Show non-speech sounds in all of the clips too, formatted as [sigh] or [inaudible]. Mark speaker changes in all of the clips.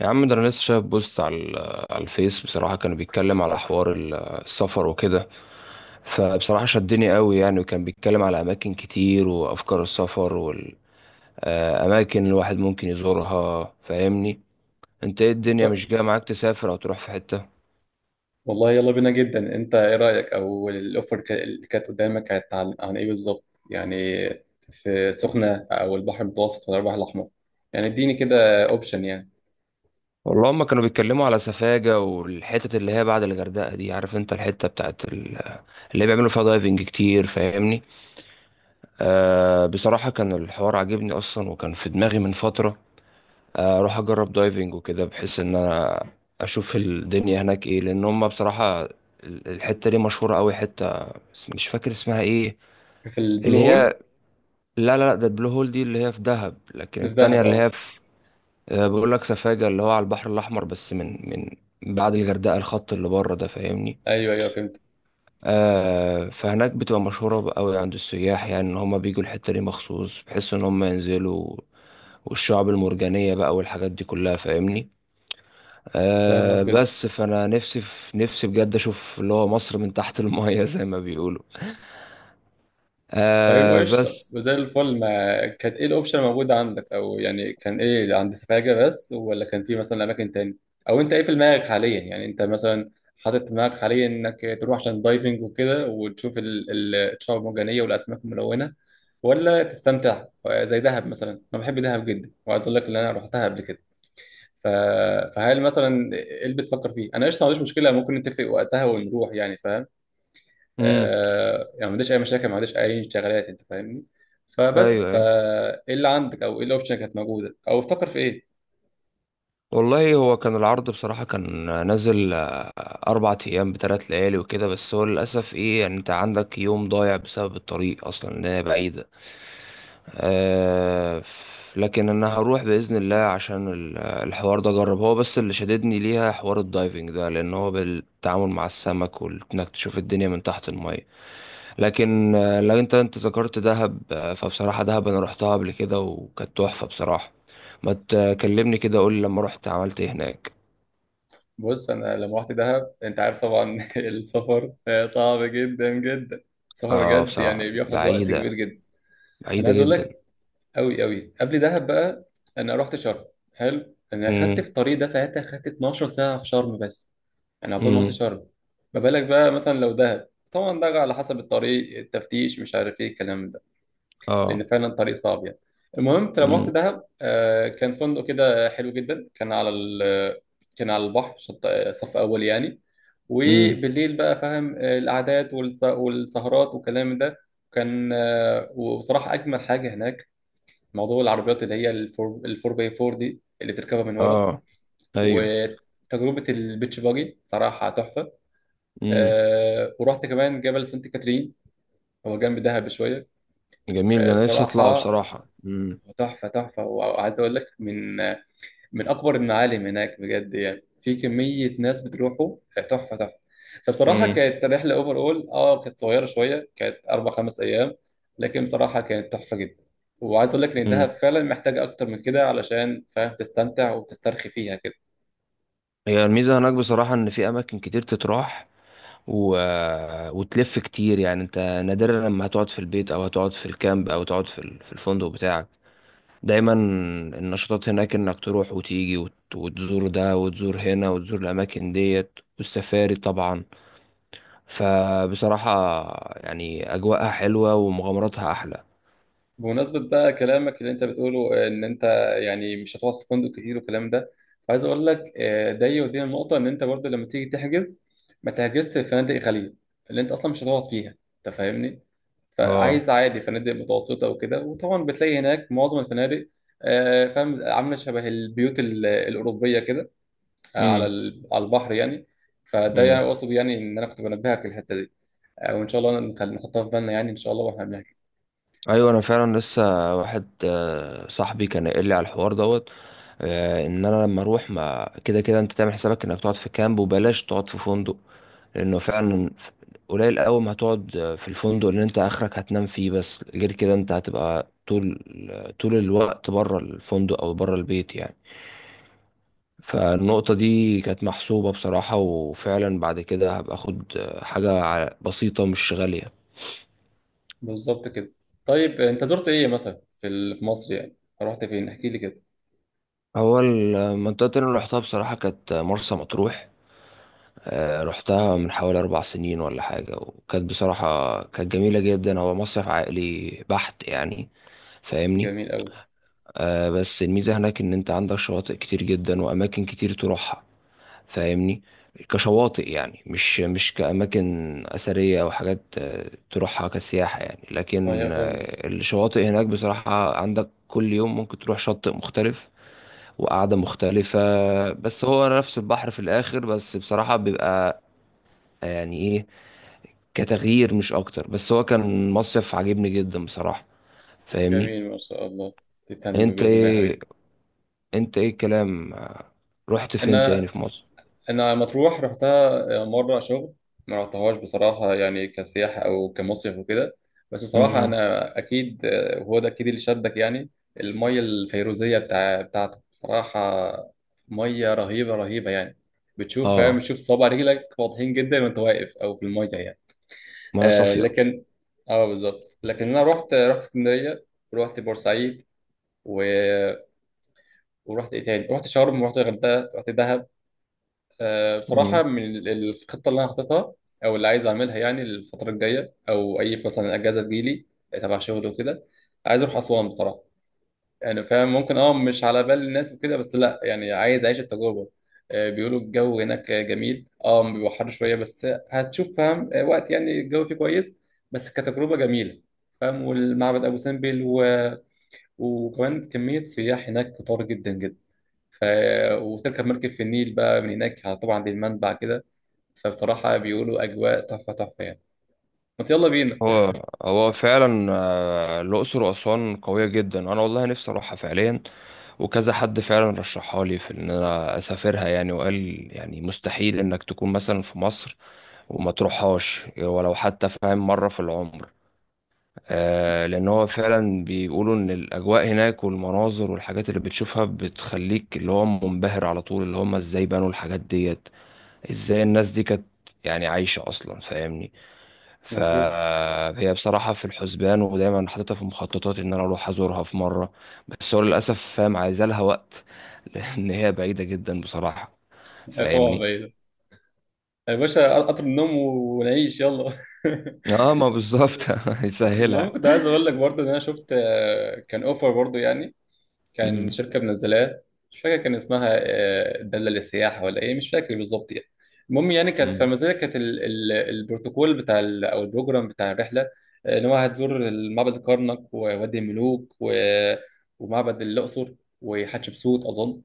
Speaker 1: يا عم، ده انا لسه شايف بوست على على الفيس. بصراحه كانوا بيتكلم على حوار السفر وكده، فبصراحه شدني قوي يعني، وكان بيتكلم على اماكن كتير وافكار السفر والاماكن اللي الواحد ممكن يزورها. فاهمني؟ انت ايه، الدنيا مش
Speaker 2: ف...
Speaker 1: جايه معاك تسافر او تروح في حته؟
Speaker 2: والله يلا بينا جدا. انت ايه رأيك او الاوفر اللي كانت قدامك كانت عن ايه بالظبط يعني؟ في سخنة او البحر المتوسط ولا البحر الاحمر؟ يعني اديني كده اوبشن يعني.
Speaker 1: والله هما كانوا بيتكلموا على سفاجة والحتت اللي هي بعد الغردقة دي. عارف انت الحتة بتاعت اللي بيعملوا فيها دايفنج كتير؟ فاهمني؟ بصراحة كان الحوار عاجبني اصلا، وكان في دماغي من فترة اروح اجرب دايفنج وكده، بحيث ان انا اشوف الدنيا هناك ايه. لان هم بصراحه الحته دي مشهوره قوي حته، بس مش فاكر اسمها ايه.
Speaker 2: في البلو
Speaker 1: اللي
Speaker 2: هول.
Speaker 1: هي، لا لا لا، ده البلو هول دي اللي هي في دهب، لكن
Speaker 2: في
Speaker 1: التانية
Speaker 2: دهب
Speaker 1: اللي هي
Speaker 2: اه.
Speaker 1: في، بقول لك، سفاجة اللي هو على البحر الاحمر، بس من بعد الغردقه، الخط اللي بره ده. فاهمني؟
Speaker 2: ايوه ايوه فهمت.
Speaker 1: فهناك بتبقى مشهوره قوي عند السياح، يعني ان هم بيجوا الحته دي مخصوص بحيث ان هم ينزلوا، والشعب المرجانيه بقى والحاجات دي كلها. فاهمني؟
Speaker 2: فاهمك
Speaker 1: أه
Speaker 2: جدا.
Speaker 1: بس، فانا نفسي في نفسي بجد اشوف اللي هو مصر من تحت المايه [laughs] زي ما بيقولوا.
Speaker 2: طيب
Speaker 1: أه
Speaker 2: وإيش
Speaker 1: بس.
Speaker 2: وزي الفل، ما كانت إيه الأوبشن موجودة عندك؟ أو يعني كان إيه عند سفاجة بس ولا كان في مثلا أماكن تاني؟ أو أنت إيه في دماغك حاليا؟ يعني أنت مثلا حاطط في دماغك حاليا إنك تروح عشان دايفنج وكده وتشوف الشعاب المرجانية والأسماك الملونة ولا تستمتع زي دهب مثلا؟ أنا بحب دهب جدا وعايز أقول لك إن أنا رحتها قبل كده. ف... فهل مثلا إيه اللي بتفكر فيه؟ أنا قشطة، ما عنديش مشكلة، ممكن نتفق وقتها ونروح يعني، فاهم؟
Speaker 1: امم.
Speaker 2: يعني ما عنديش اي مشاكل، ما عنديش اي شغلات، انت فاهمني. فبس
Speaker 1: ايوه، أيوة.
Speaker 2: فايه اللي عندك او ايه الاوبشن كانت موجوده او بتفكر في ايه؟
Speaker 1: والله، هو كان العرض بصراحة كان نازل، 4 أيام ب3 ليالي وكده، بس هو للأسف إيه يعني، أنت عندك يوم ضايع بسبب الطريق أصلا، إن هي بعيدة. آه لكن أنا هروح بإذن الله عشان الحوار ده أجرب. هو بس اللي شددني ليها حوار الدايفنج ده، لأن هو بالتعامل مع السمك، وإنك تشوف الدنيا من تحت. لكن لو انت ذكرت دهب، فبصراحة دهب انا روحتها قبل كده وكانت تحفة بصراحة. ما تكلمني كده، قول لي لما رحت عملت ايه هناك.
Speaker 2: بص انا لما رحت دهب انت عارف طبعا [laughs] السفر صعب جدا جدا. السفر
Speaker 1: اه،
Speaker 2: بجد يعني
Speaker 1: بصراحة
Speaker 2: بياخد وقت كبير
Speaker 1: بعيدة.
Speaker 2: جدا. انا
Speaker 1: بعيدة
Speaker 2: عايز اقول لك،
Speaker 1: جدا.
Speaker 2: قوي قوي، قبل دهب بقى انا رحت شرم. حلو، انا خدت
Speaker 1: امم.
Speaker 2: في الطريق ده ساعتها، خدت 12 ساعه في شرم بس. انا عقبال ما رحت
Speaker 1: امم.
Speaker 2: شرم. ما بالك بقى مثلا لو دهب؟ طبعا ده على حسب الطريق، التفتيش، مش عارف ايه الكلام ده. لان
Speaker 1: اه.
Speaker 2: فعلا الطريق صعب يعني. المهم، فلما رحت
Speaker 1: امم.
Speaker 2: دهب كان فندق كده حلو جدا، كان على كان على البحر، شط صف اول يعني.
Speaker 1: امم.
Speaker 2: وبالليل بقى فاهم، القعدات والسهرات والكلام ده. كان وبصراحه اجمل حاجه هناك موضوع العربيات، اللي هي الفور الفور باي فور دي، اللي بتركبها من ورا.
Speaker 1: اه. ايوه.
Speaker 2: وتجربه البيتش باجي صراحه تحفه.
Speaker 1: امم.
Speaker 2: ورحت كمان جبل سانت كاترين، هو جنب دهب شويه.
Speaker 1: جميل، انا نفسي اطلعه
Speaker 2: بصراحه
Speaker 1: بصراحة. امم.
Speaker 2: تحفة تحفة. وعايز أقول لك، من من أكبر المعالم هناك بجد يعني، في كمية ناس بتروحوا. تحفة تحفة. فبصراحة
Speaker 1: امم.
Speaker 2: كانت رحلة أوفر أول، أه كانت صغيرة شوية، كانت أربع خمس أيام. لكن بصراحة كانت تحفة جدا. وعايز أقول لك إن دهب
Speaker 1: امم.
Speaker 2: فعلا محتاجة أكتر من كده علشان فاهم تستمتع وتسترخي فيها كده.
Speaker 1: هي الميزة هناك بصراحة ان في اماكن كتير تتراح، و... آه، وتلف كتير يعني. انت نادرا لما هتقعد في البيت، او هتقعد في الكامب، او تقعد في في الفندق بتاعك. دايما النشاطات هناك انك تروح وتيجي، وتزور ده وتزور هنا وتزور الاماكن ديت، والسفاري طبعا. فبصراحة يعني اجواءها حلوة ومغامراتها احلى.
Speaker 2: بمناسبة بقى كلامك اللي انت بتقوله، ان انت يعني مش هتقعد في فندق كتير والكلام ده، عايز اقول لك ده يودينا النقطة ان انت برضه لما تيجي تحجز ما تحجزش في فنادق غالية اللي انت اصلا مش هتقعد فيها، انت فاهمني.
Speaker 1: اه.
Speaker 2: فعايز عادي فنادق متوسطة وكده، وطبعا بتلاقي هناك معظم الفنادق فاهم عاملة شبه البيوت الأوروبية كده، على
Speaker 1: امم.
Speaker 2: على البحر يعني. فده
Speaker 1: امم.
Speaker 2: يعني اقصد يعني ان انا كنت بنبهك الحتة دي، وان شاء الله نحطها في بالنا يعني ان شاء الله واحنا بنحجز.
Speaker 1: ايوه، انا فعلا لسه واحد صاحبي كان قايل لي على الحوار دوت ان انا لما اروح، ما كده كده انت تعمل حسابك انك تقعد في كامب وبلاش تقعد في فندق، لانه فعلا قليل قوي ما هتقعد في الفندق اللي انت اخرك هتنام فيه بس. غير كده انت هتبقى طول الوقت بره الفندق او بره البيت يعني. فالنقطة دي كانت محسوبة بصراحة، وفعلا بعد كده هبقى اخد حاجة بسيطة مش غالية.
Speaker 2: بالظبط كده. طيب انت زرت ايه مثلا في في مصر يعني؟ رحت فين احكي لي كده.
Speaker 1: اول منطقة اللي رحتها بصراحة كانت مرسى مطروح. رحتها من حوالي 4 سنين ولا حاجة، وكانت بصراحة كانت جميلة جدا. هو مصيف عائلي بحت يعني. فاهمني؟
Speaker 2: جميل قوي.
Speaker 1: بس الميزة هناك إن أنت عندك شواطئ كتير جدا وأماكن كتير تروحها. فاهمني؟ كشواطئ يعني، مش كأماكن أثرية أو حاجات تروحها كسياحة يعني.
Speaker 2: انا
Speaker 1: لكن
Speaker 2: فهمت.
Speaker 1: الشواطئ هناك بصراحة عندك كل يوم ممكن تروح شاطئ مختلف وقعدة مختلفة. بس هو نفس البحر في الآخر، بس بصراحة بيبقى آه، يعني إيه كتغيير مش أكتر. بس هو كان مصيف عجبني جدا بصراحة. فاهمني؟
Speaker 2: جميل ما شاء الله. تتهم
Speaker 1: أنت
Speaker 2: باذن الله يا
Speaker 1: إيه
Speaker 2: حبيبي.
Speaker 1: انت ايه الكلام، رحت فين تاني
Speaker 2: انا
Speaker 1: في مصر؟
Speaker 2: انا مطروح رحتها مره شغل، ما رحتهاش بصراحه يعني كسياحه او كمصيف وكده. بس بصراحه
Speaker 1: امم.
Speaker 2: انا اكيد، وهو ده اكيد اللي شدك يعني، الميه الفيروزيه بتاعتك بصراحه، ميه رهيبه رهيبه يعني. بتشوف فاهم،
Speaker 1: اه،
Speaker 2: بتشوف صوابع رجلك واضحين جدا وانت واقف او في الميه يعني.
Speaker 1: ميه
Speaker 2: آه
Speaker 1: صافيه.
Speaker 2: لكن، اه بالظبط. لكن انا رحت اسكندريه، ورحت بورسعيد، و... ورحت ايه تاني، رحت شرم ورحت الغردقه رحت دهب. آه بصراحه
Speaker 1: امم.
Speaker 2: من الخطه اللي انا حاططها او اللي عايز اعملها يعني الفتره الجايه، او اي مثلا اجازه تجيلي تبع شغل وكده، عايز اروح اسوان بصراحه. يعني فاهم ممكن اه مش على بال الناس وكده، بس لا يعني عايز اعيش التجربه. بيقولوا الجو هناك جميل، اه بيبقى حر شويه بس هتشوف فاهم وقت يعني الجو فيه كويس، بس كتجربه جميله فاهم. والمعبد ابو سمبل وكمان كميه سياح هناك كتار جدا جدا. ف... وتركب مركب في النيل بقى من هناك طبعا للمنبع كده. فبصراحه بيقولوا اجواء تحفه تحفه يعني. ما يلا بينا.
Speaker 1: هو هو فعلا الأقصر وأسوان قوية جدا. أنا والله نفسي أروحها فعليا، وكذا حد فعلا رشحها لي في إن أنا أسافرها يعني، وقال يعني مستحيل إنك تكون مثلا في مصر وما تروحهاش ولو حتى فاهم مرة في العمر. لأن هو فعلا بيقولوا إن الأجواء هناك، والمناظر والحاجات اللي بتشوفها، بتخليك اللي هو منبهر على طول. اللي هم إزاي بنوا الحاجات ديت، ازاي الناس دي كانت يعني عايشة اصلا. فاهمني؟
Speaker 2: بالظبط.
Speaker 1: فهي بصراحة في الحسبان، ودايما حاططها في مخططاتي ان انا اروح ازورها في مرة. بس هو للاسف فاهم عايزة لها وقت [laughs] لان هي بعيدة جدا بصراحة.
Speaker 2: طبعا
Speaker 1: فاهمني؟
Speaker 2: بعيدة. يا باشا قطر النوم ونعيش يلا.
Speaker 1: اه، ما
Speaker 2: [laughs]
Speaker 1: بالظبط
Speaker 2: بس.
Speaker 1: [laughs]
Speaker 2: المهم
Speaker 1: هيسهلها.
Speaker 2: كنت عايز اقول لك برضه ان انا شفت كان اوفر برضه يعني، كان
Speaker 1: مم.
Speaker 2: شركه منزلاه. مش فاكر كان اسمها داله للسياحه ولا ايه، مش فاكر بالظبط يعني. المهم يعني كانت في
Speaker 1: مم.
Speaker 2: المزيد، كانت البروتوكول بتاع او البروجرام بتاع الرحله، ان هو هتزور معبد الكرنك ووادي الملوك ومعبد الاقصر وحتشبسوت اظن.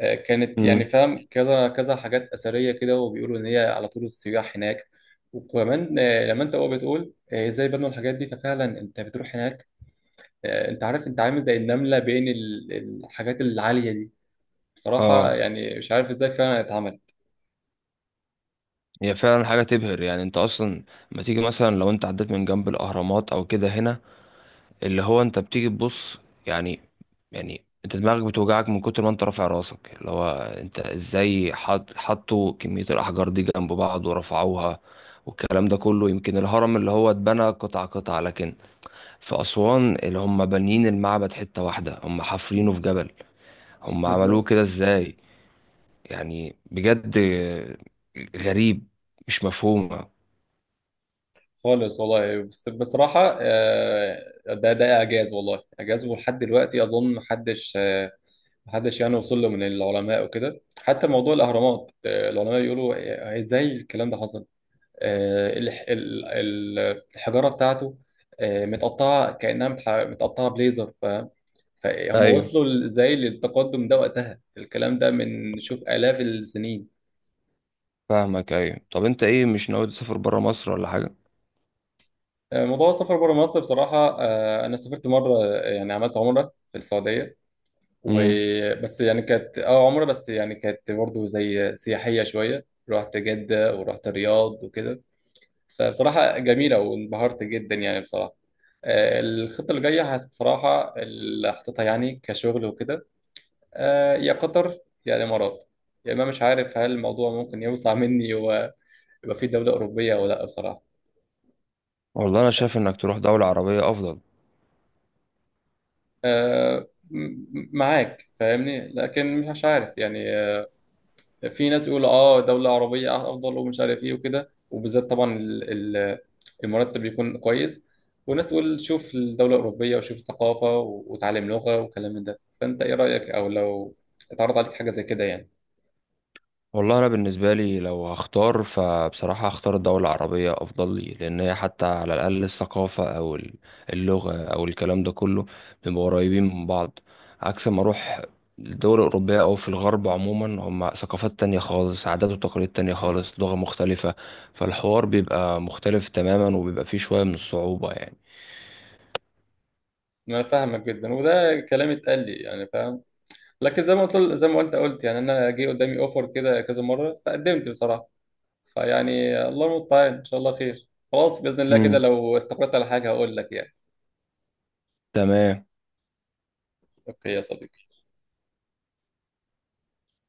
Speaker 2: كانت يعني
Speaker 1: مم.
Speaker 2: فاهم كذا كذا حاجات أثرية كده، وبيقولوا إن هي على طول السياح هناك. وكمان لما أنت هو بتقول إزاي بنوا الحاجات دي، ففعلا أنت بتروح هناك أنت عارف أنت عامل زي النملة بين الحاجات العالية دي. بصراحة
Speaker 1: اه.
Speaker 2: يعني مش عارف إزاي فعلا اتعمل.
Speaker 1: هي فعلا حاجة تبهر. يعني انت اصلا لما تيجي مثلا، لو انت عديت من جنب الاهرامات او كده هنا، اللي هو انت بتيجي تبص، يعني، انت دماغك بتوجعك من كتر ما انت رافع راسك، اللي هو انت ازاي حطوا كمية الاحجار دي جنب بعض ورفعوها والكلام ده كله. يمكن الهرم اللي هو اتبنى قطعة قطعة، لكن في أسوان اللي هم بانيين المعبد حتة واحدة، هم حافرينه في جبل. هم عملوه
Speaker 2: بالظبط
Speaker 1: كده ازاي؟ يعني بجد غريب، مش مفهومة.
Speaker 2: خالص والله. بس بصراحة ده إعجاز والله إعجاز، ولحد دلوقتي أظن محدش محدش يعني وصل له من العلماء وكده. حتى موضوع الأهرامات العلماء يقولوا إزاي الكلام ده حصل؟ آه، الح- ال- ال- الحجاره بتاعته، متقطعه كانها متقطعه بليزر. فهم
Speaker 1: ايوه
Speaker 2: وصلوا ازاي للتقدم ده وقتها؟ الكلام ده من شوف آلاف السنين.
Speaker 1: فاهمك، ايوه. طب انت ايه، مش ناوي تسافر برا مصر ولا حاجة؟
Speaker 2: موضوع السفر بره مصر بصراحه، انا سافرت مره يعني عملت عمره في السعوديه،
Speaker 1: امم.
Speaker 2: وبس يعني كانت اه عمره، بس يعني كانت برضه زي سياحيه شويه، رحت جده ورحت الرياض وكده. فبصراحة جميلة وانبهرت جدا يعني بصراحة. الخطة اللي جاية بصراحة اللي حاططها يعني كشغل وكده، يا قطر يا الإمارات، يعني ما مش عارف هل الموضوع ممكن يوسع [laughs] مني ويبقى في دولة أوروبية ولا لأ بصراحة.
Speaker 1: والله انا شايف انك تروح دولة عربية افضل.
Speaker 2: آه، م- معاك فاهمني، لكن مش عارف يعني. في ناس يقولوا اه دولة عربية افضل ومش عارف ايه وكده، وبالذات طبعا ال- المرتب يكون كويس. وناس تقول شوف الدولة الأوروبية وشوف الثقافة وتعلم لغة والكلام من ده. فأنت إيه رأيك، أو لو اتعرض عليك حاجة زي كده يعني؟
Speaker 1: والله، انا بالنسبة لي لو هختار، فبصراحة هختار الدولة العربية افضل لي، لان هي حتى على الاقل الثقافة او اللغة او الكلام ده كله بيبقوا قريبين من بعض، عكس ما اروح الدول الاوروبية او في الغرب عموما. هم ثقافات تانية خالص، عادات وتقاليد تانية خالص، لغة مختلفة. فالحوار بيبقى مختلف تماما، وبيبقى فيه شوية من الصعوبة يعني.
Speaker 2: أنا فاهمك جدا، وده كلام اتقال لي يعني فاهم. لكن زي ما قلت، زي ما أنت قلت يعني، أنا جه قدامي أوفر كده كذا مرة فقدمت بصراحة. فيعني الله المستعان، إن شاء الله خير، خلاص بإذن الله كده
Speaker 1: امم.
Speaker 2: لو استقرت على حاجة هقول لك يعني.
Speaker 1: تمام.
Speaker 2: أوكي يا صديقي.